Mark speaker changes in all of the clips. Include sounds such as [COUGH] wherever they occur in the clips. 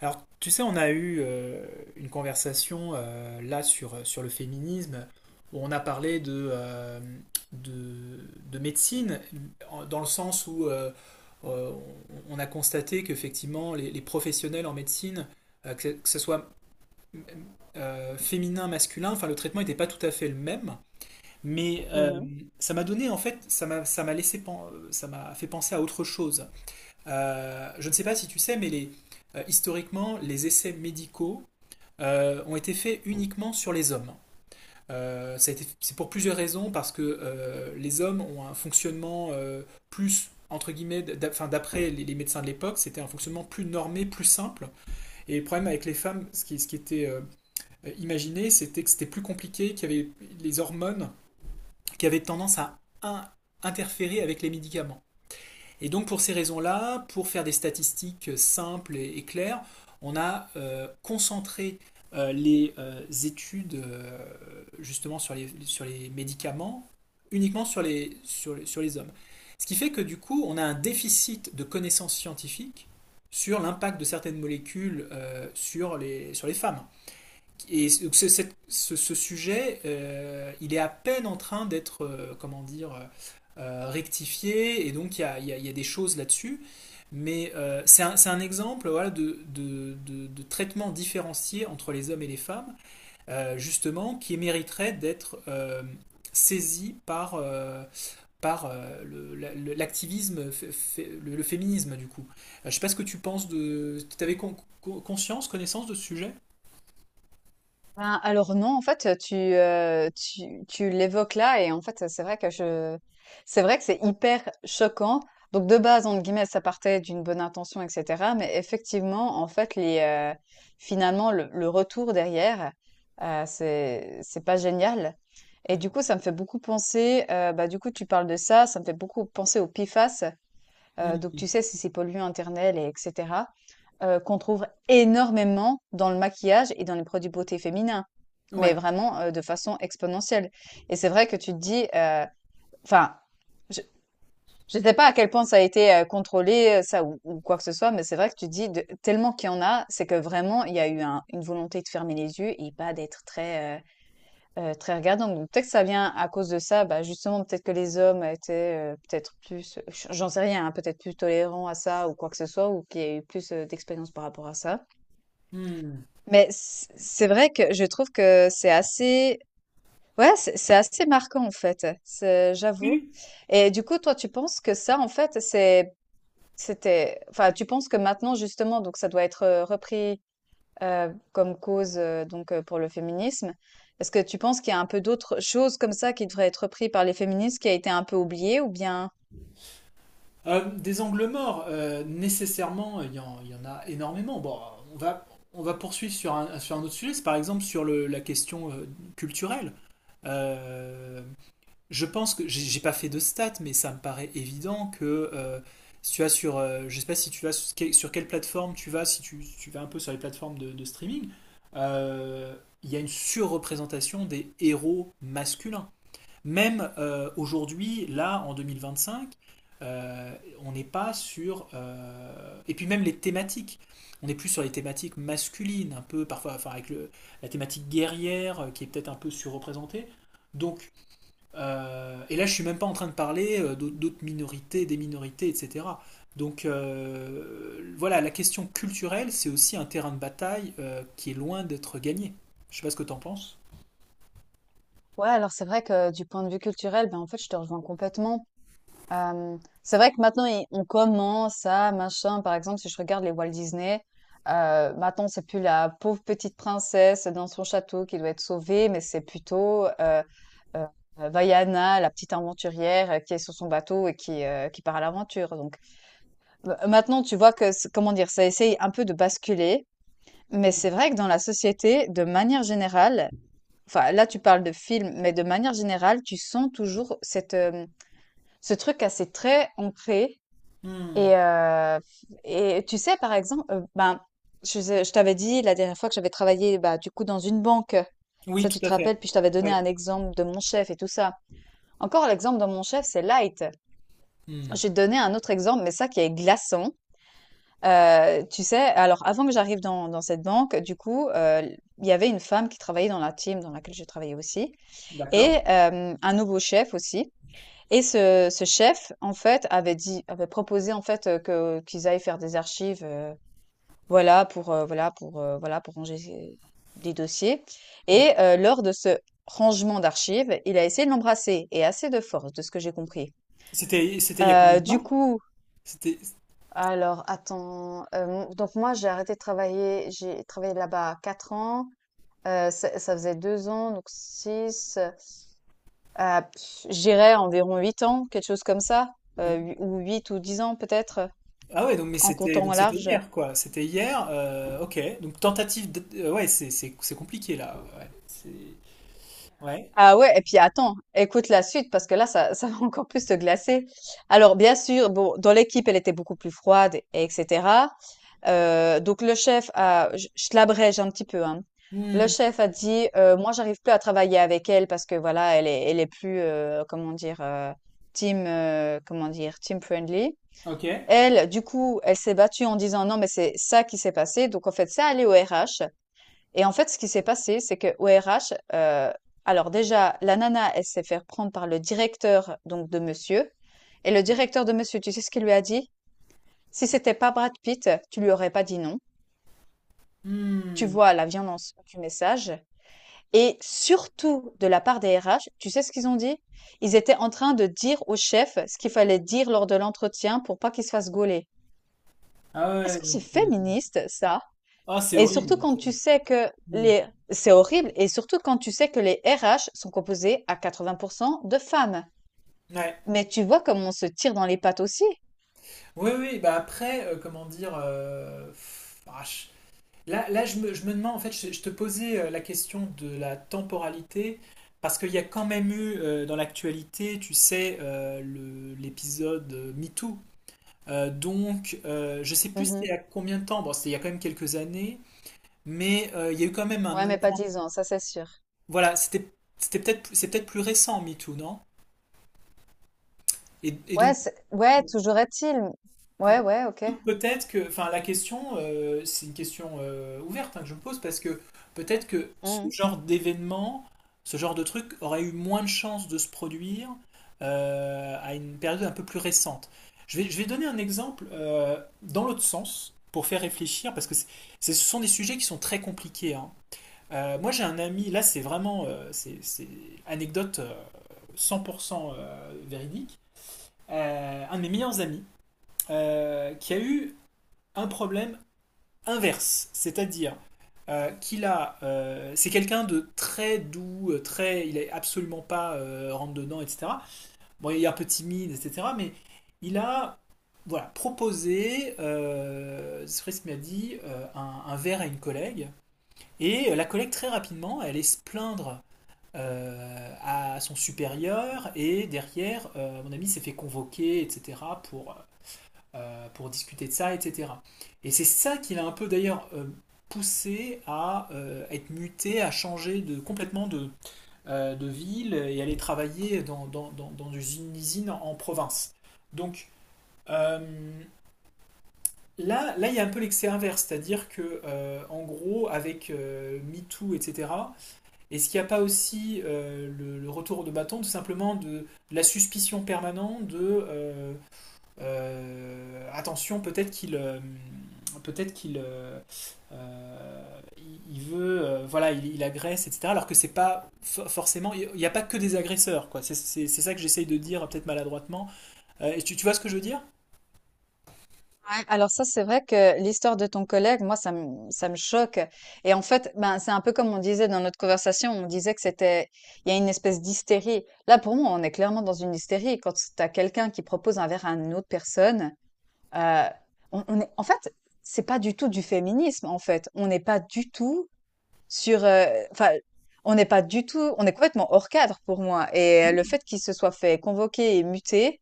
Speaker 1: Alors, tu sais, on a eu une conversation là sur, sur le féminisme où on a parlé de de médecine dans le sens où euh, on a constaté qu'effectivement les professionnels en médecine, que, que ce soit féminin, masculin, enfin le traitement n'était pas tout à fait le même. Mais
Speaker 2: Mmh.
Speaker 1: ça m'a donné en fait, ça m'a ça m'a fait penser à autre chose. Je ne sais pas si tu sais, mais historiquement, les essais médicaux ont été faits uniquement sur les hommes. C'est pour plusieurs raisons, parce que les hommes ont un fonctionnement plus, entre guillemets, enfin, d'après les médecins de l'époque, c'était un fonctionnement plus normé, plus simple. Et le problème avec les femmes, ce qui était imaginé, c'était que c'était plus compliqué, qu'il y avait les hormones qui avaient tendance à interférer avec les médicaments. Et donc pour ces raisons-là, pour faire des statistiques simples et claires, on a concentré les études justement sur sur les médicaments uniquement sur sur les hommes. Ce qui fait que du coup, on a un déficit de connaissances scientifiques sur l'impact de certaines molécules sur sur les femmes. Et donc, ce sujet, il est à peine en train d'être, euh, rectifié, et donc il y a, y a des choses là-dessus. Mais c'est c'est un exemple voilà, de traitement différencié entre les hommes et les femmes, justement, qui mériterait d'être saisi par l'activisme, le féminisme, du coup. Je ne sais pas ce que tu penses de... Tu avais conscience, connaissance de ce sujet?
Speaker 2: Alors non, en fait, tu l'évoques là et en fait, c'est vrai que c'est hyper choquant. Donc de base, entre guillemets, ça partait d'une bonne intention et cetera, mais effectivement, en fait, finalement, le retour derrière, c'est pas génial et
Speaker 1: Mm.
Speaker 2: du coup, ça me fait beaucoup penser, tu parles de ça, ça me fait beaucoup penser au PIFAS. Donc
Speaker 1: Mm.
Speaker 2: tu sais, si c'est ces polluants internels et etc. Qu'on trouve énormément dans le maquillage et dans les produits beauté féminins. Mais vraiment, de façon exponentielle, et c'est vrai que tu te dis, enfin, je ne sais pas à quel point ça a été contrôlé, ça ou quoi que ce soit, mais c'est vrai que tu te dis de tellement qu'il y en a, c'est que vraiment il y a eu un une volonté de fermer les yeux et pas d'être très regardant. Donc peut-être que ça vient à cause de ça, bah justement, peut-être que les hommes étaient peut-être plus, j'en sais rien, hein, peut-être plus tolérants à ça ou quoi que ce soit, ou qu'il y a eu plus d'expérience par rapport à ça.
Speaker 1: Hmm.
Speaker 2: Mais c'est vrai que je trouve que c'est assez marquant, en fait, c'est j'avoue.
Speaker 1: Oui.
Speaker 2: Et du coup, toi, tu penses que ça, en fait, c'est c'était enfin, tu penses que maintenant, justement, donc ça doit être repris comme cause donc pour le féminisme. Est-ce que tu penses qu'il y a un peu d'autres choses comme ça qui devraient être prises par les féministes, qui a été un peu oubliée ou bien?
Speaker 1: Des angles morts, nécessairement, il y en a énormément. Bon, on va, on va poursuivre sur sur un autre sujet, c'est par exemple sur la question culturelle. Euh, je pense que j'ai pas fait de stats, mais ça me paraît évident que si tu vas sur, je sais pas si tu vas sur sur quelle plateforme tu vas, si tu vas un peu sur les plateformes de streaming, euh, il y a une surreprésentation des héros masculins. Même aujourd'hui, là, en 2025, euh, on n'est pas sur... et puis même les thématiques. On est plus sur les thématiques masculines, un peu parfois, enfin avec la thématique guerrière qui est peut-être un peu surreprésentée. Donc, et là, je suis même pas en train de parler d'autres minorités, des minorités, etc. Donc, voilà, la question culturelle, c'est aussi un terrain de bataille qui est loin d'être gagné. Je sais pas ce que tu en penses.
Speaker 2: Ouais, alors c'est vrai que du point de vue culturel, ben en fait, je te rejoins complètement. Euh, c'est vrai que maintenant, on commence à machin. Par exemple, si je regarde les Walt Disney, maintenant, c'est plus la pauvre petite princesse dans son château qui doit être sauvée, mais c'est plutôt euh, Vaiana, la petite aventurière qui est sur son bateau et qui qui part à l'aventure. Maintenant, tu vois que c comment dire? Ça essaye un peu de basculer, mais c'est vrai que dans la société, de manière générale, enfin là, tu parles de films, mais de manière générale, tu sens toujours ce truc assez très ancré.
Speaker 1: Hmm.
Speaker 2: Et et tu sais, par exemple, je t'avais dit la dernière fois que j'avais travaillé, bah, du coup, dans une banque.
Speaker 1: Oui,
Speaker 2: Ça, tu
Speaker 1: tout
Speaker 2: te
Speaker 1: à
Speaker 2: rappelles?
Speaker 1: fait.
Speaker 2: Puis je t'avais donné
Speaker 1: Ouais.
Speaker 2: un exemple de mon chef et tout ça. Encore l'exemple de mon chef, c'est light.
Speaker 1: Hmm.
Speaker 2: Je vais te donner un autre exemple, mais ça qui est glaçant. Tu sais, alors avant que j'arrive dans cette banque, il y avait une femme qui travaillait dans la team dans laquelle je travaillais aussi, et
Speaker 1: D'accord.
Speaker 2: un nouveau chef aussi. Et ce chef, en fait, avait proposé, en fait, que qu'ils aillent faire des archives, voilà pour, voilà pour, voilà pour ranger ces des dossiers. Et lors de ce rangement d'archives, il a essayé de l'embrasser, et assez de force, de ce que j'ai compris.
Speaker 1: C'était, c'était il y a combien de
Speaker 2: Heu, du
Speaker 1: temps?
Speaker 2: coup
Speaker 1: C'était,
Speaker 2: Alors attends, donc moi j'ai arrêté de travailler, j'ai travaillé là-bas 4 ans, ça ça faisait 2 ans, donc 6 ah je dirais environ 8 ans, quelque chose comme ça,
Speaker 1: donc-
Speaker 2: hu ou 8 ou 10 ans peut-être,
Speaker 1: ah ouais, donc, mais
Speaker 2: en
Speaker 1: c'était,
Speaker 2: comptant
Speaker 1: donc
Speaker 2: au
Speaker 1: c'était
Speaker 2: large.
Speaker 1: hier, quoi. C'était hier, ok. Donc tentative de, ouais, c'est compliqué, là. Ouais. Ouais.
Speaker 2: Ah ouais, et puis attends, écoute la suite parce que là, ça, [LAUGHS] ça va encore plus te glacer. Alors, bien sûr, bon, dans l'équipe, elle était beaucoup plus froide, et etc. Donc le chef a, je l'abrège un petit peu, hein. Le
Speaker 1: Hmm,
Speaker 2: chef a dit, moi, j'arrive plus à travailler avec elle parce que voilà, elle est plus, comment dire, team, comment dire, team friendly.
Speaker 1: ok.
Speaker 2: Elle, du coup, elle s'est battue en disant non, mais c'est ça qui s'est passé. Donc en fait, ça allait au RH. Et en fait, ce qui s'est passé, c'est que au RH, alors déjà, la nana, elle s'est fait prendre par le directeur donc de monsieur, et le directeur de monsieur, tu sais ce qu'il lui a dit? «Si c'était pas Brad Pitt, tu lui aurais pas dit non. Tu
Speaker 1: Hmm.
Speaker 2: vois la violence du message.» Et surtout de la part des RH, tu sais ce qu'ils ont dit? Ils étaient en train de dire au chef ce qu'il fallait dire lors de l'entretien pour pas qu'il se fasse gauler.
Speaker 1: Ah
Speaker 2: Est-ce
Speaker 1: ouais,
Speaker 2: que
Speaker 1: donc
Speaker 2: c'est
Speaker 1: c'est...
Speaker 2: féministe, ça?
Speaker 1: Ah, c'est
Speaker 2: Et
Speaker 1: horrible.
Speaker 2: surtout quand tu sais que
Speaker 1: Hmm.
Speaker 2: les c'est horrible et surtout quand tu sais que les RH sont composés à 80% de femmes.
Speaker 1: Ouais.
Speaker 2: Mais tu vois comme on se tire dans les pattes aussi.
Speaker 1: Oui, oui, bah après, comment dire... Là, je me demande, en fait, je te posais la question de la temporalité, parce qu'il y a quand même eu dans l'actualité, tu sais, l'épisode MeToo. Je sais plus c'était il
Speaker 2: Mhm.
Speaker 1: y a combien de temps, bon, c'était il y a quand même quelques années, mais il y a eu quand même un...
Speaker 2: Ouais, mais pas
Speaker 1: avant.
Speaker 2: dix ans, ça c'est sûr.
Speaker 1: Voilà, c'est peut-être plus récent, MeToo, non? Et, et
Speaker 2: Ouais,
Speaker 1: donc,
Speaker 2: ouais, toujours est-il. Ouais,
Speaker 1: Mais
Speaker 2: ouais, ok.
Speaker 1: peut-être que, enfin, la question, c'est une question ouverte hein, que je me pose parce que peut-être que ce
Speaker 2: Mmh.
Speaker 1: genre d'événement, ce genre de truc aurait eu moins de chances de se produire à une période un peu plus récente. Je vais donner un exemple dans l'autre sens pour faire réfléchir parce que ce sont des sujets qui sont très compliqués. Hein. Moi, j'ai un ami, là, c'est vraiment c'est anecdote 100% véridique. Un de mes meilleurs amis qui a eu un problème inverse, c'est-à-dire qu'il a, c'est quelqu'un de très doux, très, il est absolument pas rentre dedans, etc. Bon, il est un peu timide, etc. Mais il a, voilà, proposé, Fritz m'a dit, un verre à une collègue. Et la collègue très rapidement, elle est se plaindre à son supérieur et derrière, mon ami s'est fait convoquer, etc. pour euh, pour discuter de ça, etc. Et c'est ça qui l'a un peu d'ailleurs poussé à être muté, à changer complètement de ville et aller travailler dans une usine en province. Donc euh, là, il y a un peu l'excès inverse, c'est-à-dire que en gros, avec MeToo, etc., est-ce qu'il n'y a pas aussi retour de bâton, tout simplement de la suspicion permanente de euh, attention, peut-être qu'il euh, il veut voilà, il agresse, etc. Alors que c'est pas forcément, il n'y a pas que des agresseurs, quoi. C'est ça que j'essaye de dire, peut-être maladroitement. Et tu vois ce que je veux dire?
Speaker 2: Ouais, alors ça, c'est vrai que l'histoire de ton collègue, moi, ça me choque. Et en fait, ben, c'est un peu comme on disait dans notre conversation, on disait que c'était, il y a une espèce d'hystérie. Là, pour moi, on est clairement dans une hystérie. Quand tu as quelqu'un qui propose un verre à une autre personne, euh, on est, en fait, c'est pas du tout du féminisme, en fait. On n'est pas du tout sur, enfin, on n'est pas du tout, on est complètement hors cadre pour moi. Et le fait qu'il se soit fait convoquer et muter,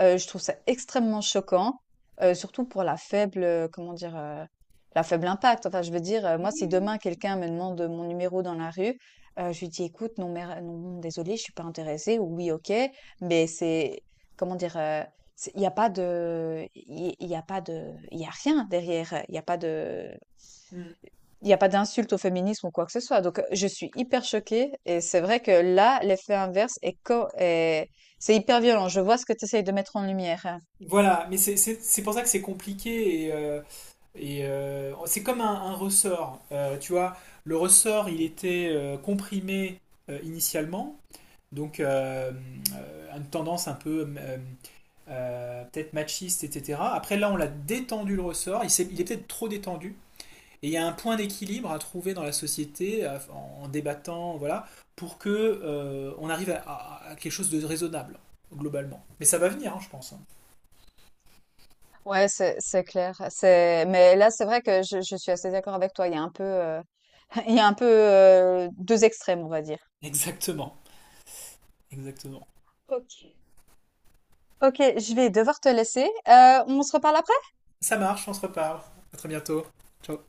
Speaker 2: Je trouve ça extrêmement choquant, surtout pour la la faible impact. Enfin, je veux dire, moi, si demain quelqu'un me demande mon numéro dans la rue, je lui dis: «Écoute, non mais, non désolée, je suis pas intéressée» ou «Oui, OK». Mais c'est comment dire? C'est il y a pas de il y a pas de il y a rien derrière.
Speaker 1: Mm.
Speaker 2: Il y a pas d'insulte au féminisme ou quoi que ce soit. Donc, je suis hyper choquée, et c'est vrai que là, l'effet inverse est c'est hyper violent. Je vois ce que tu essayes de mettre en lumière.
Speaker 1: Voilà, mais c'est pour ça que c'est compliqué et c'est comme un ressort, euh, tu vois. Le ressort, il était comprimé initialement. Donc une tendance un peu peut-être machiste, etc. Après là, on l'a détendu le ressort, il est peut-être trop détendu, et il y a un point d'équilibre à trouver dans la société en, en débattant, voilà, pour que on arrive à quelque chose de raisonnable globalement. Mais ça va venir, hein, je pense. Hein.
Speaker 2: Ouais, c'est clair. C'est mais là c'est vrai que je suis assez d'accord avec toi. Il y a un peu [LAUGHS] il y a un peu deux extrêmes, on va dire.
Speaker 1: Exactement, exactement.
Speaker 2: Ok. Ok, je vais devoir te laisser. On se reparle après.
Speaker 1: Ça marche, on se reparle. À très bientôt. Ciao.